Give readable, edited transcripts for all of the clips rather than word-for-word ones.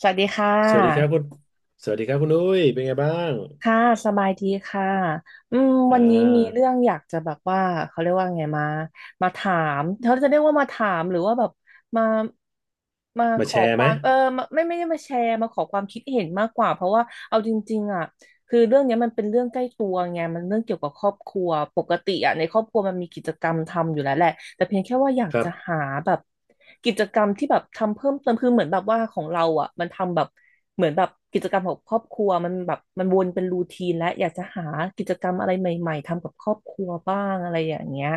สวัสดีค่ะสวัสดีครับคุณสวัสดีครับคุณอุ้ยเป็นไงบ้างค่ะสบายดีค่ะอ่วันนี้มีาเรื่องอยากจะแบบว่าเขาเรียกว่าไงมาถามเขาจะเรียกว่ามาถามหรือว่าแบบมามามาขแชอร์คไหมวามมาไม่ได้มาแชร์มาขอความคิดเห็นมากกว่าเพราะว่าเอาจริงๆอ่ะ คือเรื่องเนี้ยมันเป็นเรื่องใกล้ตัวไงมันเรื่องเกี่ยวกับครอบครัวปกติอ่ะในครอบครัวมันมีกิจกรรมทำอยู่แล้วแหละแต่เพียงแค่ว่าอยากครัจะบหาแบบกิจกรรมที่แบบทำเพิ่มเติมคือเหมือนแบบว่าของเราอ่ะมันทำแบบเหมือนแบบกิจกรรมของครอบครัวมันแบบมันวนเป็นรูทีนและอยากจะหากิจกรรมอะไรใหม่ๆทำกับครอบครัวบ้างอะไรอย่างเงี้ย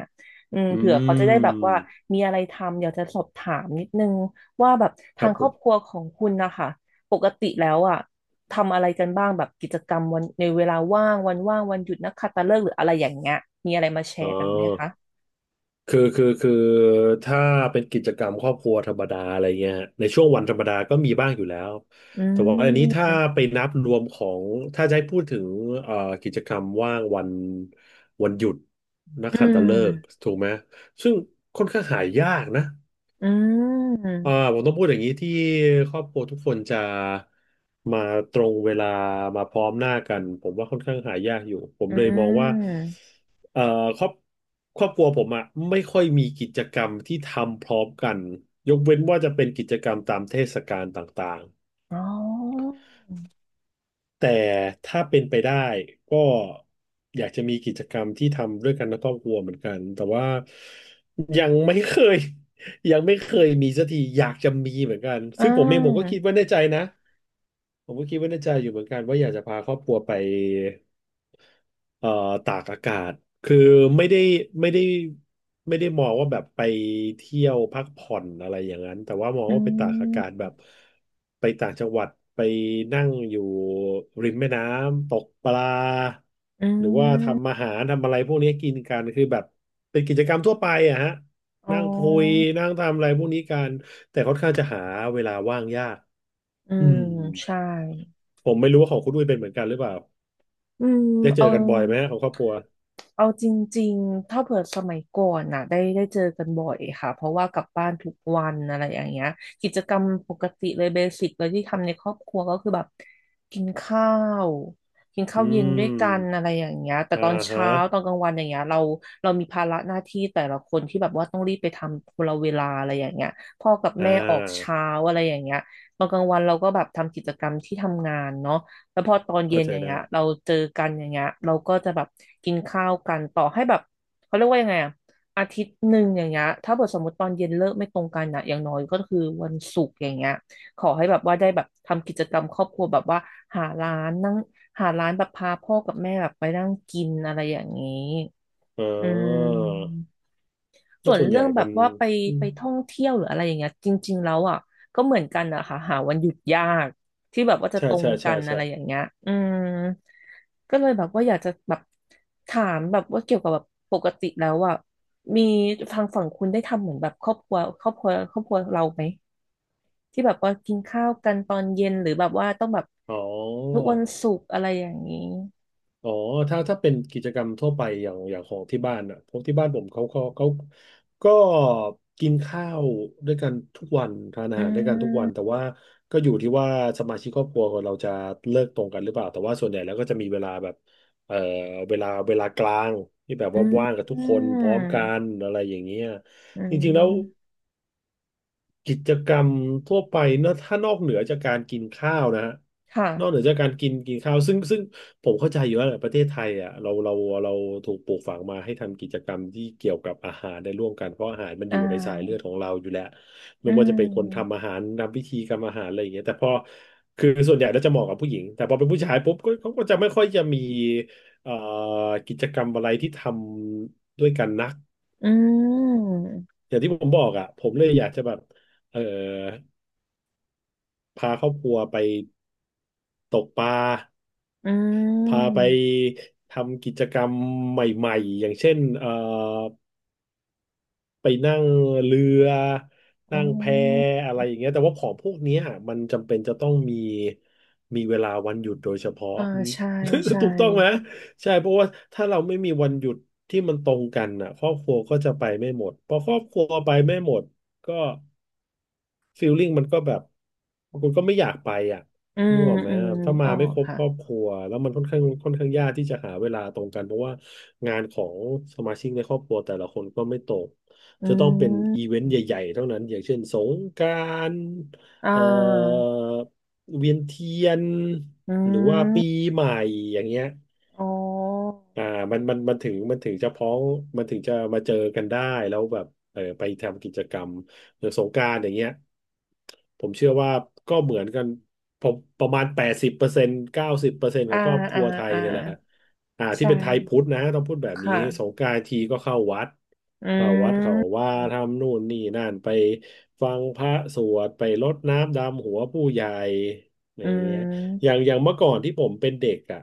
อืเผื่อเขาจะได้แบบว่ามมีอะไรทำอยากจะสอบถามนิดนึงว่าแบบคทารังบคผรอมบครัวของคุณนะคะปกติแล้วอ่ะ ทำอะไรกันบ้างแบบกิจกรรมวันในเวลาว่างวันว่างวันหยุดนักขัตฤกษ์หรืออะไรอย่างเงี้ยมีอะไรมาแชอ๋อร์กันไหมคะคือถ้าเป็นกิจกรรมครอบครัวธรรมดาอะไรเงี้ยฮะในช่วงวันธรรมดาก็มีบ้างอยู่แล้วอืแต่ว่าอันนี้ถ้ามไปนับรวมของถ้าจะให้พูดถึงเอ่อกิจกรรมว่างวันวันหยุดนักอืขัตฤกษ์มถูกไหมซึ่งค่อนข้างหายากนะ อือ่ามผมต้องพูดอย่างนี้ที่ครอบครัวทุกคนจะมาตรงเวลามาพร้อมหน้ากันผมว่าค่อนข้างหายากอยู่ผมอืเลยมองว่ามเอ่อครอบครอบครัวผมอะไม่ค่อยมีกิจกรรมที่ทำพร้อมกันยกเว้นว่าจะเป็นกิจกรรมตามเทศกาลต่างๆ อ๋อแต่ถ้าเป็นไปได้ก็อยากจะมีกิจกรรมที่ทำด้วยกันในครอบครัวเหมือนกันแต่ว่ายังไม่เคย ยังไม่เคยมีสักทีอยากจะมีเหมือนกันอ่ซึ่งผมเองผมก็าคิดว่าในใจนะ ผมก็คิดว่าในใจอยู่เหมือนกันว่าอยากจะพาครอบครัวไปเอ่อตากอากาศคือไม่ได้ไม่ได้ไม่ได้มองว่าแบบไปเที่ยวพักผ่อนอะไรอย่างนั้นแต่ว่ามองอืว่าไปตากอากาศมแบบไปต่างจังหวัดไปนั่งอยู่ริมแม่น้ำตกปลาอืหรือว่าทำมอาหารทำอะไรพวกนี้กินกันคือแบบเป็นกิจกรรมทั่วไปอะฮะอ๋อนั่งคุยนั่งทำอะไรพวกนี้กันแต่ค่อนข้างจะหาเวลาว่างยากอือืมม ใช่ผมไม่รู้ว่าของคุณอุ้ยเป็นเหมือนกันหรือเปล่าอืมได้เจเอา อกันบ่อยไหมฮะของครอบครัว เอาจริงๆถ้าเผื่อสมัยก่อนน่ะได้เจอกันบ่อยค่ะเพราะว่ากลับบ้านทุกวันอะไรอย่างเงี้ยกิจกรรมปกติเลยเบสิกเลยที่ทำในครอบครัวก็คือแบบกินข้าวกินอืข้าวเย็นด้วยกันอะมไรอย่างเงี้ยแต่อ่าตอนฮะเช้าตอนกลางวันอย่างเงี้ยเรามีภาระหน้าที่แต่ละคนที่แบบว่าต้องรีบไปทำคนละเวลาอะไรอย่างเงี้ยพ่อกับอ่แม่ออกาเช้าอะไรอย่างเงี้ยตอนกลางวันเราก็แบบทำกิจกรรมที่ทำงานเนาะ แล้วพอตอนเย็เข้านใจอย่างได้เงี้ยเราเจอกันอย่างเงี้ยเราก็จะแบบกินข้าวกันต่อให้แบบเขาเรียกว่ายังไงอะอาทิตย์หนึ่งอย่างเงี้ยถ้าเกิดสมมติตอนเย็นเลิกไม่ตรงกันอะอย่างน้อยก็คือวันศุกร์อย่างเงี้ยขอให้แบบว่าได้แบบทำกิจกรรมครอบครัวแบบว่าหาร้านนั่งหาร้านแบบพาพ่อกับแม่แบบไปนั่งกินอะไรอย่างนี้อ๋ออืม ก็ส่วนส่วนใหเรื่ญ่องแบมับนว่าไปอืไปมท่องเที่ยวหรืออะไรอย่างเงี้ยจริงๆแล้วอ่ะก็เหมือนกันอะค่ะหาวันหยุดยากที่แบบว่าจะใช่ตรงใช่กัใช่นอะไรอย่างใช่เงี้ยอืมก็เลยแบบว่าอยากจะแบบถามแบบว่าเกี่ยวกับแบบปกติแล้วอ่ะมีทางฝั่งคุณได้ทำเหมือนแบบครอบครัวครอบครัวครอบครัวเราไหมที่แบบว่ากินข้าวกันตอนเย็นหรือแบบว่าต้องแบบอ๋อ ทุกวันศุกร์อะไรอย่างนี้อ๋อถ้าเป็นกิจกรรมทั่วไปอย่างของที่บ้านอ่ะพวกที่บ้านผมเขาก็กินข้าวด้วยกันทุกวันทานอาอืหารด้วยกันทุกวันแต่มว่าก็อยู่ที่ว่าสมาชิกครอบครัวของเราจะเลิกตรงกันหรือเปล่าแต่ว่าส่วนใหญ่แล้วก็จะมีเวลาแบบเอ่อเวลากลางที่แบบอืว่าว่างกัมบทุกคนพร้อมกันอะไรอย่างเงี้ยอืจริงๆแล้ว มกิจกรรมทั่วไปเนอะถ้านอกเหนือจากการกินข้าวนะฮะนอกเหนือค่ะจากการกินกินข้าวซึ่งผมเข้าใจอยู่ว่าแหประเทศไทยอ่ะเราถูกปลูกฝังมาให้ทำกิจกรรมที่เกี่ยวกับอาหารได้ร่วมกันเพราะอาหารมันออ่ยู่ในสายเลือดา ของเราอยู่แล้วอืไม่ว่าจะเป็นคนทำมอาหารนำพิธีกรรมอาหารอะไรอย่างเงี้ยแต่พอคือส่วนใหญ่แล้วจะเหมาะกับผู้หญิงแต่พอเป็นผู้ชายปุ๊บก็เขาก็จะไม่ค่อยจะมีเอ่อกิจกรรมอะไรที่ทำด้วยกันนักอืมอย่างที่ผมบอกอ่ะผมเลยอยากจะแบบเออ พาครอบครัวไปตกปลาอืพาไปมทำกิจกรรมใหม่ๆอย่างเช่นไปนั่งเรืออ๋นั่งแพออะไรอย่างเงี้ยแต่ว่าของพวกเนี้ยมันจำเป็นจะต้องมีมีเวลาวันหยุดโดยเฉพาะ อ่าใช่ใช่ ถูกต้องไหมใช่เพราะว่าถ้าเราไม่มีวันหยุดที่มันตรงกันอ่ะครอบครัวก็จะไปไม่หมดพอครอบครัวไปไม่หมดก็ ฟีลลิ่งมันก็แบบบางคนก็ไม่อยากไปอ่ะอืนึมกออกไหมอืมนึกถ้ามาออไม่กครบค่ะครอบครัวแล้วมันค่อนข้างยากที่จะหาเวลาตรงกันเพราะว่างานของสมาชิกในครอบครัวแต่ละคนก็ไม่ตกอืจะต้องเป็นอีเวนมต์ใหญ่ๆเท่านั้นอย่างเช่นสงกรานต์อ่าเอ่อเวียนเทียนอืหรือว่าปีมใหม่อย่างเงี้ย อ๋ออ่ามันถึงจะพ้องมันถึงจะมาเจอกันได้แล้วแบบเออไปทำกิจกรรมหรือสงกรานต์อย่างเงี้ยผมเชื่อว่าก็เหมือนกันผมประมาณ80%90%ขออ่างครอบคอ่ารัวไทยอ่าเนี่ยแหละอ่าที่ใช่เป็นไทยพุทธนะต้องพูดแบบนี้ค่ะสงกรานต์ทีก็เข้าวัดอืเข้าวัดเขามว่าทำนู่นนี่นั่นไปฟังพระสวดไปรดน้ำดำหัวผู้ใหญ่อะไรอือย่างเงี้ย อย่ามงอย่างเมื่อก่อนที่ผมเป็นเด็กอ่ะ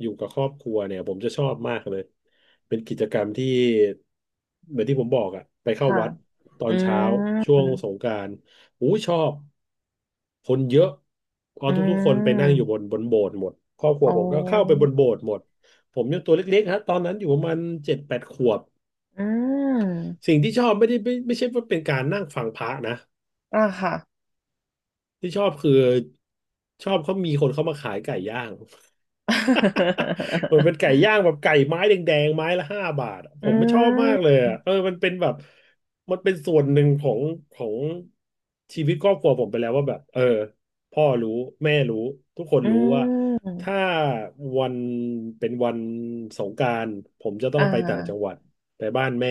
อยู่กับครอบครัวเนี่ยผมจะชอบมากเลยเป็นกิจกรรมที่เหมือนที่ผมบอกอ่ะไปเข้าค่ะวัดตออืนเช้าช่วงสมงกรานต์อู้ชอบคนเยอะเพออืทุกๆคนไปนั่งอยู่มบนโบสถ์หมดครอบครัอ๋วอผมก็เข้าไปบนโบสถ์หมดผมยังตัวเล็กๆฮะตอนนั้นอยู่ประมาณเจ็ดแปดขวบอืมสิ่งที่ชอบไม่ได้ไม่ใช่ว่าเป็นการนั่งฟังพระนะอ่าค่ะ ที่ชอบคือชอบเขามีคนเข้ามาขายไก่ย่าง เหมือนเป็นไก่ ย่างแบบไก่ไม้แดงๆไม้ละห้าบาทอะผอืมไม่ชอบมากมเลยอะมันเป็นแบบมันเป็นส่วนหนึ่งของชีวิตครอบครัวผมไปแล้วว่าแบบพ่อรู้แม่รู้ทุกคนอืรู้ว่าถ้าม วันเป็นวันสงกรานต์ผมจะต้อ่องไปต่างจังาหวัดไปบ้านแม่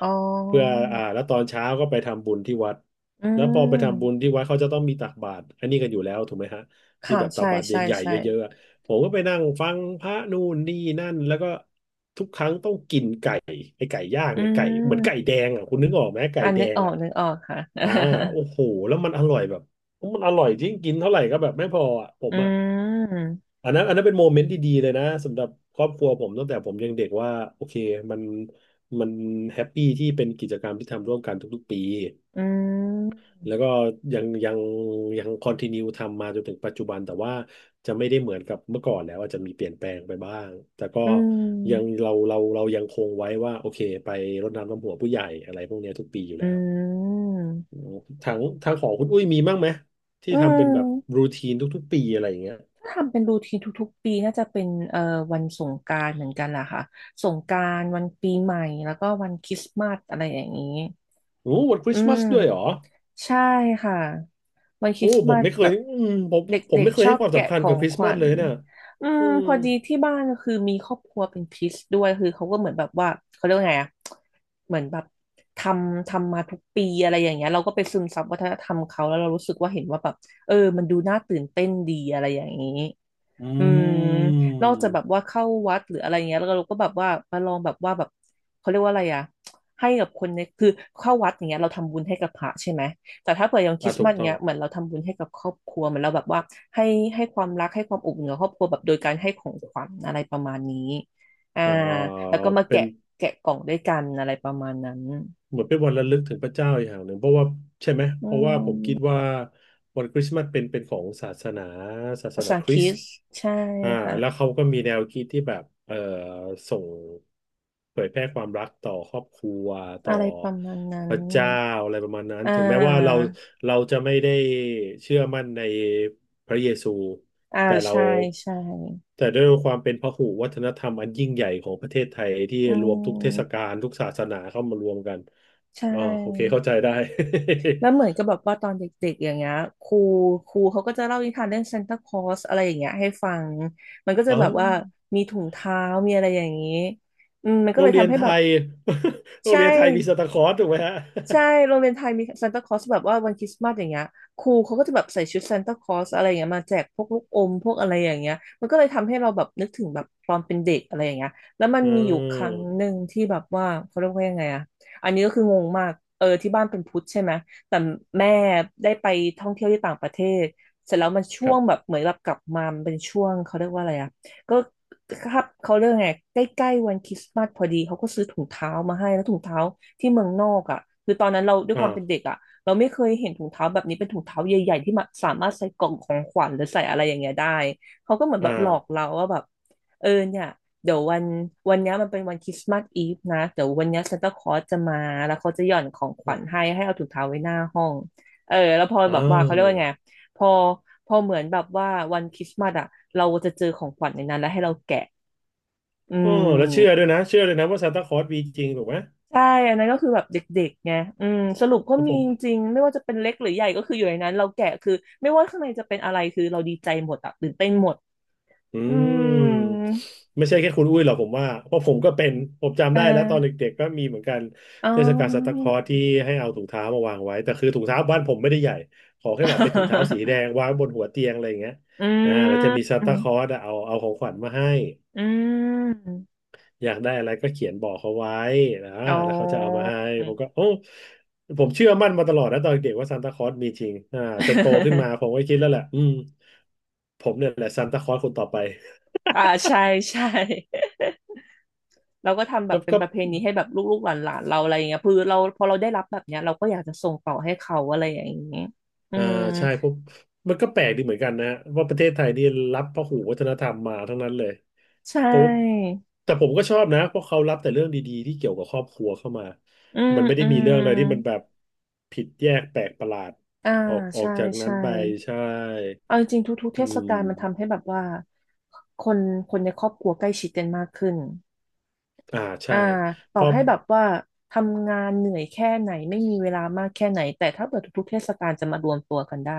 อ๋อเพื่ออ่าแล้วตอนเช้าก็ไปทำบุญที่วัดอืแล้วพอไปทำบุญมที่วัดเขาจะต้องมีตักบาตรอันนี้กันอยู่แล้วถูกไหมฮะที่ค่ะแบบตัใช่กบาตรใช่ใหญ่ๆใช่เยอะๆ ผมก็ไปนั่งฟังพระนู่นนี่นั่นแล้วก็ทุกอืไก่เหมือนไก่แดมงอ่ะคุณนึกออกไหมไก่อ่าแดนึกงออกอ่ะนึกออกค่ะ อ่าโอ้โหแล้วมันอร่อยแบบมันอร่อยจริงกินเท่าไหร่ก็แบบไม่พออ่ะผ อืมอ่ะมอันนั้นอันนั้นเป็นโมเมนต์ที่ดีเลยนะสำหรับครอบครัวผมตั้งแต่ผมยังเด็กว่าโอเคมันมันแฮปปี้ที่เป็นกิจกรรมที่ทำร่วมกันทุกๆปี อืมแล้วก็ยังยังยังคอนติเนียทำมาจนถึงปัจจุบันแต่ว่าจะไม่ได้เหมือนกับเมื่อก่อนแล้วอาจจะมีเปลี่ยนแปลงไปบ้างแต่ก็อืยังมเรายังคงไว้ว่าโอเคไปรดน้ำดำหัวผู้ใหญ่อะไรพวกเนี้ยทุกปีอยู่แล้อืวมทางของคุณอุ้ยมีมั่งไหมที่อืทำเป็นมแบบรูทีนทุกๆปีอะไรอย่างเงี้ยถ้าทำเป็นรูทีนทุกๆปีน่าจะเป็นวันสงกรานต์เหมือนกันล่ะค่ะสงกรานต์วันปีใหม่แล้วก็วันคริสต์มาสอะไรอย่างนี้ โอ้วันคริอืสต์มาสมด้วยเหรอใช่ค่ะวันคโอ้ริสต์ผมามสไม่เคแบยบผมเดผม็กไม่เคๆชยอให้บความแกะสำคัขญอกับงคริขสต์มาวัสญเลยนะอืมอืมพอดีที่บ้านก็คือมีครอบครัวเป็นคริสต์ด้วยคือเขาก็เหมือนแบบว่าเขาเรียกว่าไงอะเหมือนแบบททำมาทุกปีอะไรอย่างเงี้ยเราก็ไปซึมซับวัฒนธรรมเขาแล้วเรารู้สึกว่าเห็นว่าแบบเออมันดูน่าตื่นเต้นดีอะไรอย่างนี้อือืม นอกจากแบมบว่าเข้าวัดหรืออะไรเงี้ยแล้วเราก็แบบว่ามาลองแบบว่าแบบเขาเรียกว่าอะไรอะให้กับคนในคือเข้าวัดอย่างเงี้ยเราทำบุญให้กับพระใช่ไหมแต่ถ้าเปิดอย่างคอ่าริสต์ถูมากสต้อเงี้งยเหมือนเราทำบุญให้กับครอบครัวเหมือนเราแบบว่าให้ให้ความรักให้ความอบอุ่นกับครอบครัวแบบโดยการให้ของขวัญอะไรประมาณนี้อ่าอ่าแล้วก็มาเป็แกะน แกะกล่องด้วยกันอะไรประมาณนั้นเหมือนเป็นวันระลึกถึงพระเจ้าอีกอย่างหนึ่งเพราะว่าใช่ไหมอืเพราะว่าผมคิดมว่าวันคริสต์มาสเป็นของศาสนาศาสภานาษาคคริริสต์สต์ใช่อ่าค่ะแล้วเขาก็มีแนวคิดที่แบบส่งเผยแพร่ความรักต่อครอบครัวต่อะอไรประมาณนั้พนระเจ้าอะไรประมาณนั้นอ่ถึงแม้ว่าเราาเราจะไม่ได้เชื่อมั่นในพระเยซูอ่าแต่เราใช่ใช่แต่ด้วยความเป็นพหุวัฒนธรรมอันยิ่งใหญ่ของประเทศไทยที่อืรวมทุกเทศกาม ลทุกศาสนาเข้ามารวมกัน ใชอ๋อโอเค่เข้าใจได้ แล้วเหมือนกับแบบว่าตอนเด็กๆอย่างเงี้ยครูครูเขาก็จะเล่านิทานเรื่องซานตาคลอสอะไรอย่างเงี้ยให้ฟังมันก็ จะเอ้าแบบว่ามีถุงเท้ามีอะไรอย่างนี้อืมมันก็โรเลงยเรียทำนให้ไทแบบย โรงใช่ เรียนไทยมีซานตาคลอสถูกไหมฮะ ใช่โรงเรียนไทยมีซานตาคลอสแบบว่าวันคริสต์มาสอย่างเงี้ยครูเขาก็จะแบบใส่ชุดซานตาคลอสอะไรอย่างเงี้ยมาแจกพวกลูกอมพวกอะไรอย่างเงี้ย มันก็เลยทำให้เราแบบนึกถึงแบบตอนเป็นเด็กอะไรอย่างเงี้ยแล้วมั นอืมีอยู่ครั้งหนึ่มงที่แบบว่าเขาเรียกว่ายังไงอะอันนี้ก็คืองงมากเออที่บ้านเป็นพุทธใช่ไหม แต่แม่ได้ไปท่องเที่ยวที่ต่างประเทศเสร็จแล้วมันช่ควรับงแบบเหมือนแบบกลับมามันเป็นช่วงเขาเรียกว่าอะไรอะ ก็ครับเขาเรื่องไงใกล้ๆวันคริสต์มาสพอดีเขาก็ซื้อถุงเท้ามาให้แล้วถุงเท้าที่เมืองนอกอ่ะคือตอนนั้นเราด้วยคอ่าวามเป็นเด็กอ่ะเราไม่เคยเห็นถุงเท้าแบบนี้เป็นถุงเท้าใหญ่ๆที่มาสามารถใส่กล่องของขวัญหรือใส่อะไรอย่างเงี้ยได้เขาก็เหมือนแบอ่าบหลอกเราว่าแบบเออเนี่ยเดี๋ยววันเนี้ยมันเป็นวันคริสต์มาสอีฟนะเดี๋ยววันเนี้ยซานตาคลอสจะมาแล้วเขาจะหย่อนของขวัญให้ให้เอาถุงเท้าไว้หน้าห้องเออแล้วพออ้าแบบว่าวเขาเรียกว่าไง พอพอเหมือนแบบว่าวันคริสต์มาสอ่ะเราจะเจอของขวัญในนั้นแล้วให้เราแกะอือ๋อแล้วเชื่อมด้วยนะเชื่อเลยนะว่าซานตาคลอสมีจริงถูกไหมใช่อันนั้นก็คือแบบเด็กๆไงอืมสรุปก็ผมีจม ริงไม่ว่าจะเป็นเล็กหรือใหญ่ก็คืออยู่ในนั้นเราแกะคือไม่ว่าข้างในจะเป็นอะไรคือเราดีใจหมดอ่ะตื่นเต้นหมดอือืมมไม่ใช่แค่คุณอุ้ยหรอกผมว่าเพราะผมก็เป็นผมจำอ่ได้แล้วตอนาเด็กๆก็มีเหมือนกันอ๋เทศกาลซานตาอ คลอสที่ให้เอาถุงเท้ามาวางไว้แต่คือถุงเท้าบ้านผมไม่ได้ใหญ่ขอแค่แบบเป็นถุงเท้าสีแดง วางบนหัวเตียงอะไรอย่างเงี้ยอือ่าแล้วจะมีซามนตาคลอสอะเอาของขวัญมาให้อืมอยากได้อะไรก็เขียนบอกเขาไว้นะอ๋แล้วเขาจะเอามาอ ให้ผมก็โอ้ผมเชื่อมั่นมาตลอดนะตอนเด็กว่าซานตาคลอสมีจริงอ่าจนโตขึ้นมาผม ก็คิดแล้วแหละอืมผมเนี่ยแหละซานตาคลอสคนต่อไปอ่าใช่ใช่ เราก็ทำแบบก็เป็นก็ ประเพณีให้แบบลูกๆหลานๆเราอะไรอย่างเงี้ยคือเราพอเราได้รับแบบเนี้ยเราก็อยากจะส่งต่อให้เขาอะไรอย่างเงี้ยอือ่ามใช่เพวกมันก็แปลกดีเหมือนกันนะะว่าประเทศไทยนี่รับพหูวัฒนธรรมมาทั้งนั้นเลยใชเพราะ่แต่ผมก็ชอบนะเพราะเขารับแต่เรื่องดีๆที่เกี่ยวกับครอบครัวเข้ามาอืมมันไม่ได้อืมีเรื่อมงอะไรที่มันแบบผิดแยกแปลกประหลาดอ่าออกออใช่กจากนั้นใช่ไปใช่เอาจริงๆทุกๆเทอืศกาลมันทำมให้แบบว่าคนคนในครอบครัวใกล้ชิดกันมากขึ้นอ่าใช่อ่าต่เพอราะ ให้แบบว่าทำงานเหนื่อยแค่ไหนไม่มีเวลามากแค่ไหนแต่ถ้าเกิดทุกๆเทศกาลจะมารวมตัวกันได้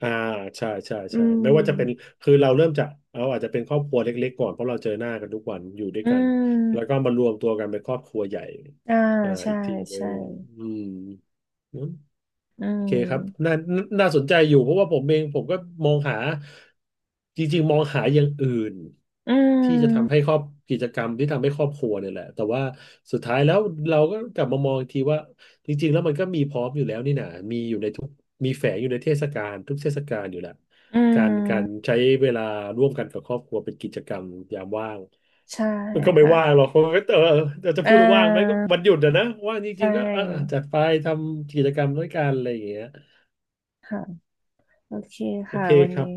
อ่าใช่ใช่อืใช่ไม่ว่าจะเป็นมคือเราเริ่มจากเราอาจจะเป็นครอบครัวเล็กๆก่อนเพราะเราเจอหน้ากันทุกวันอยู่ด้วยอืกันแล้วก็มมารวมตัวกันเป็นครอบครัวใหญ่อ่าอ่าใช่อีกทีหนึ่ใช่ งอืม อืโอเคครับน่าม น่าสนใจอยู่เพราะว่าผมเองผมก็มองหาจริงๆมองหาอย่างอื่นอืที่จะทำให้ม ครอบกิจกรรมที่ทำให้ครอบครัวเนี่ยแหละแต่ว่าสุดท้ายแล้วเราก็กลับมามองอีกทีว่าจริงๆแล้วมันก็มีพร้อมอยู่แล้วนี่นะมีอยู่ในทุกมีแฝงอยู่ในเทศกาลทุกเทศกาลอยู่แหละอืการม ใช้เวลาร่วมกันกับครอบครัวเป็นกิจกรรมยามว่างใช่มันก็ไม่ค่ะ ว่างหรอกเพราะว่าเราจะอ่พูดว่าว่างไหมก็า วันหยุดอะนะว่างจใชริงๆก็เออ่จัดไปทำกิจกรรมด้วยกันอะไรอย่างเงี้ย ค่ะ โอเคโอค่ะเควันครับ นี้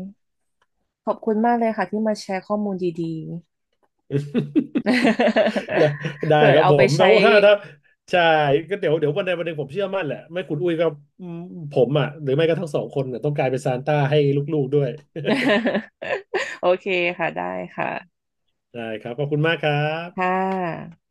ขอบคุณมากเลยค่ะที่มาแชร์ข้อมูลดี ได้ๆ ได้เผื่อครับเอาผไปมแล้ใช้ วถ้าถ้าใช่ก็เดี๋ยววันใดวันหนึ่งผมเชื่อมั่นแหละไม่คุณอุ้ยก็อืมผมอ่ะหรือไม่ก็ทั้งสองคนเนี่ยต้องกลายเป็นซานต้าให้ลูกๆด้วย โอเคค่ะได้ค่ะ ได้ครับขอบคุณมากครับค่ะ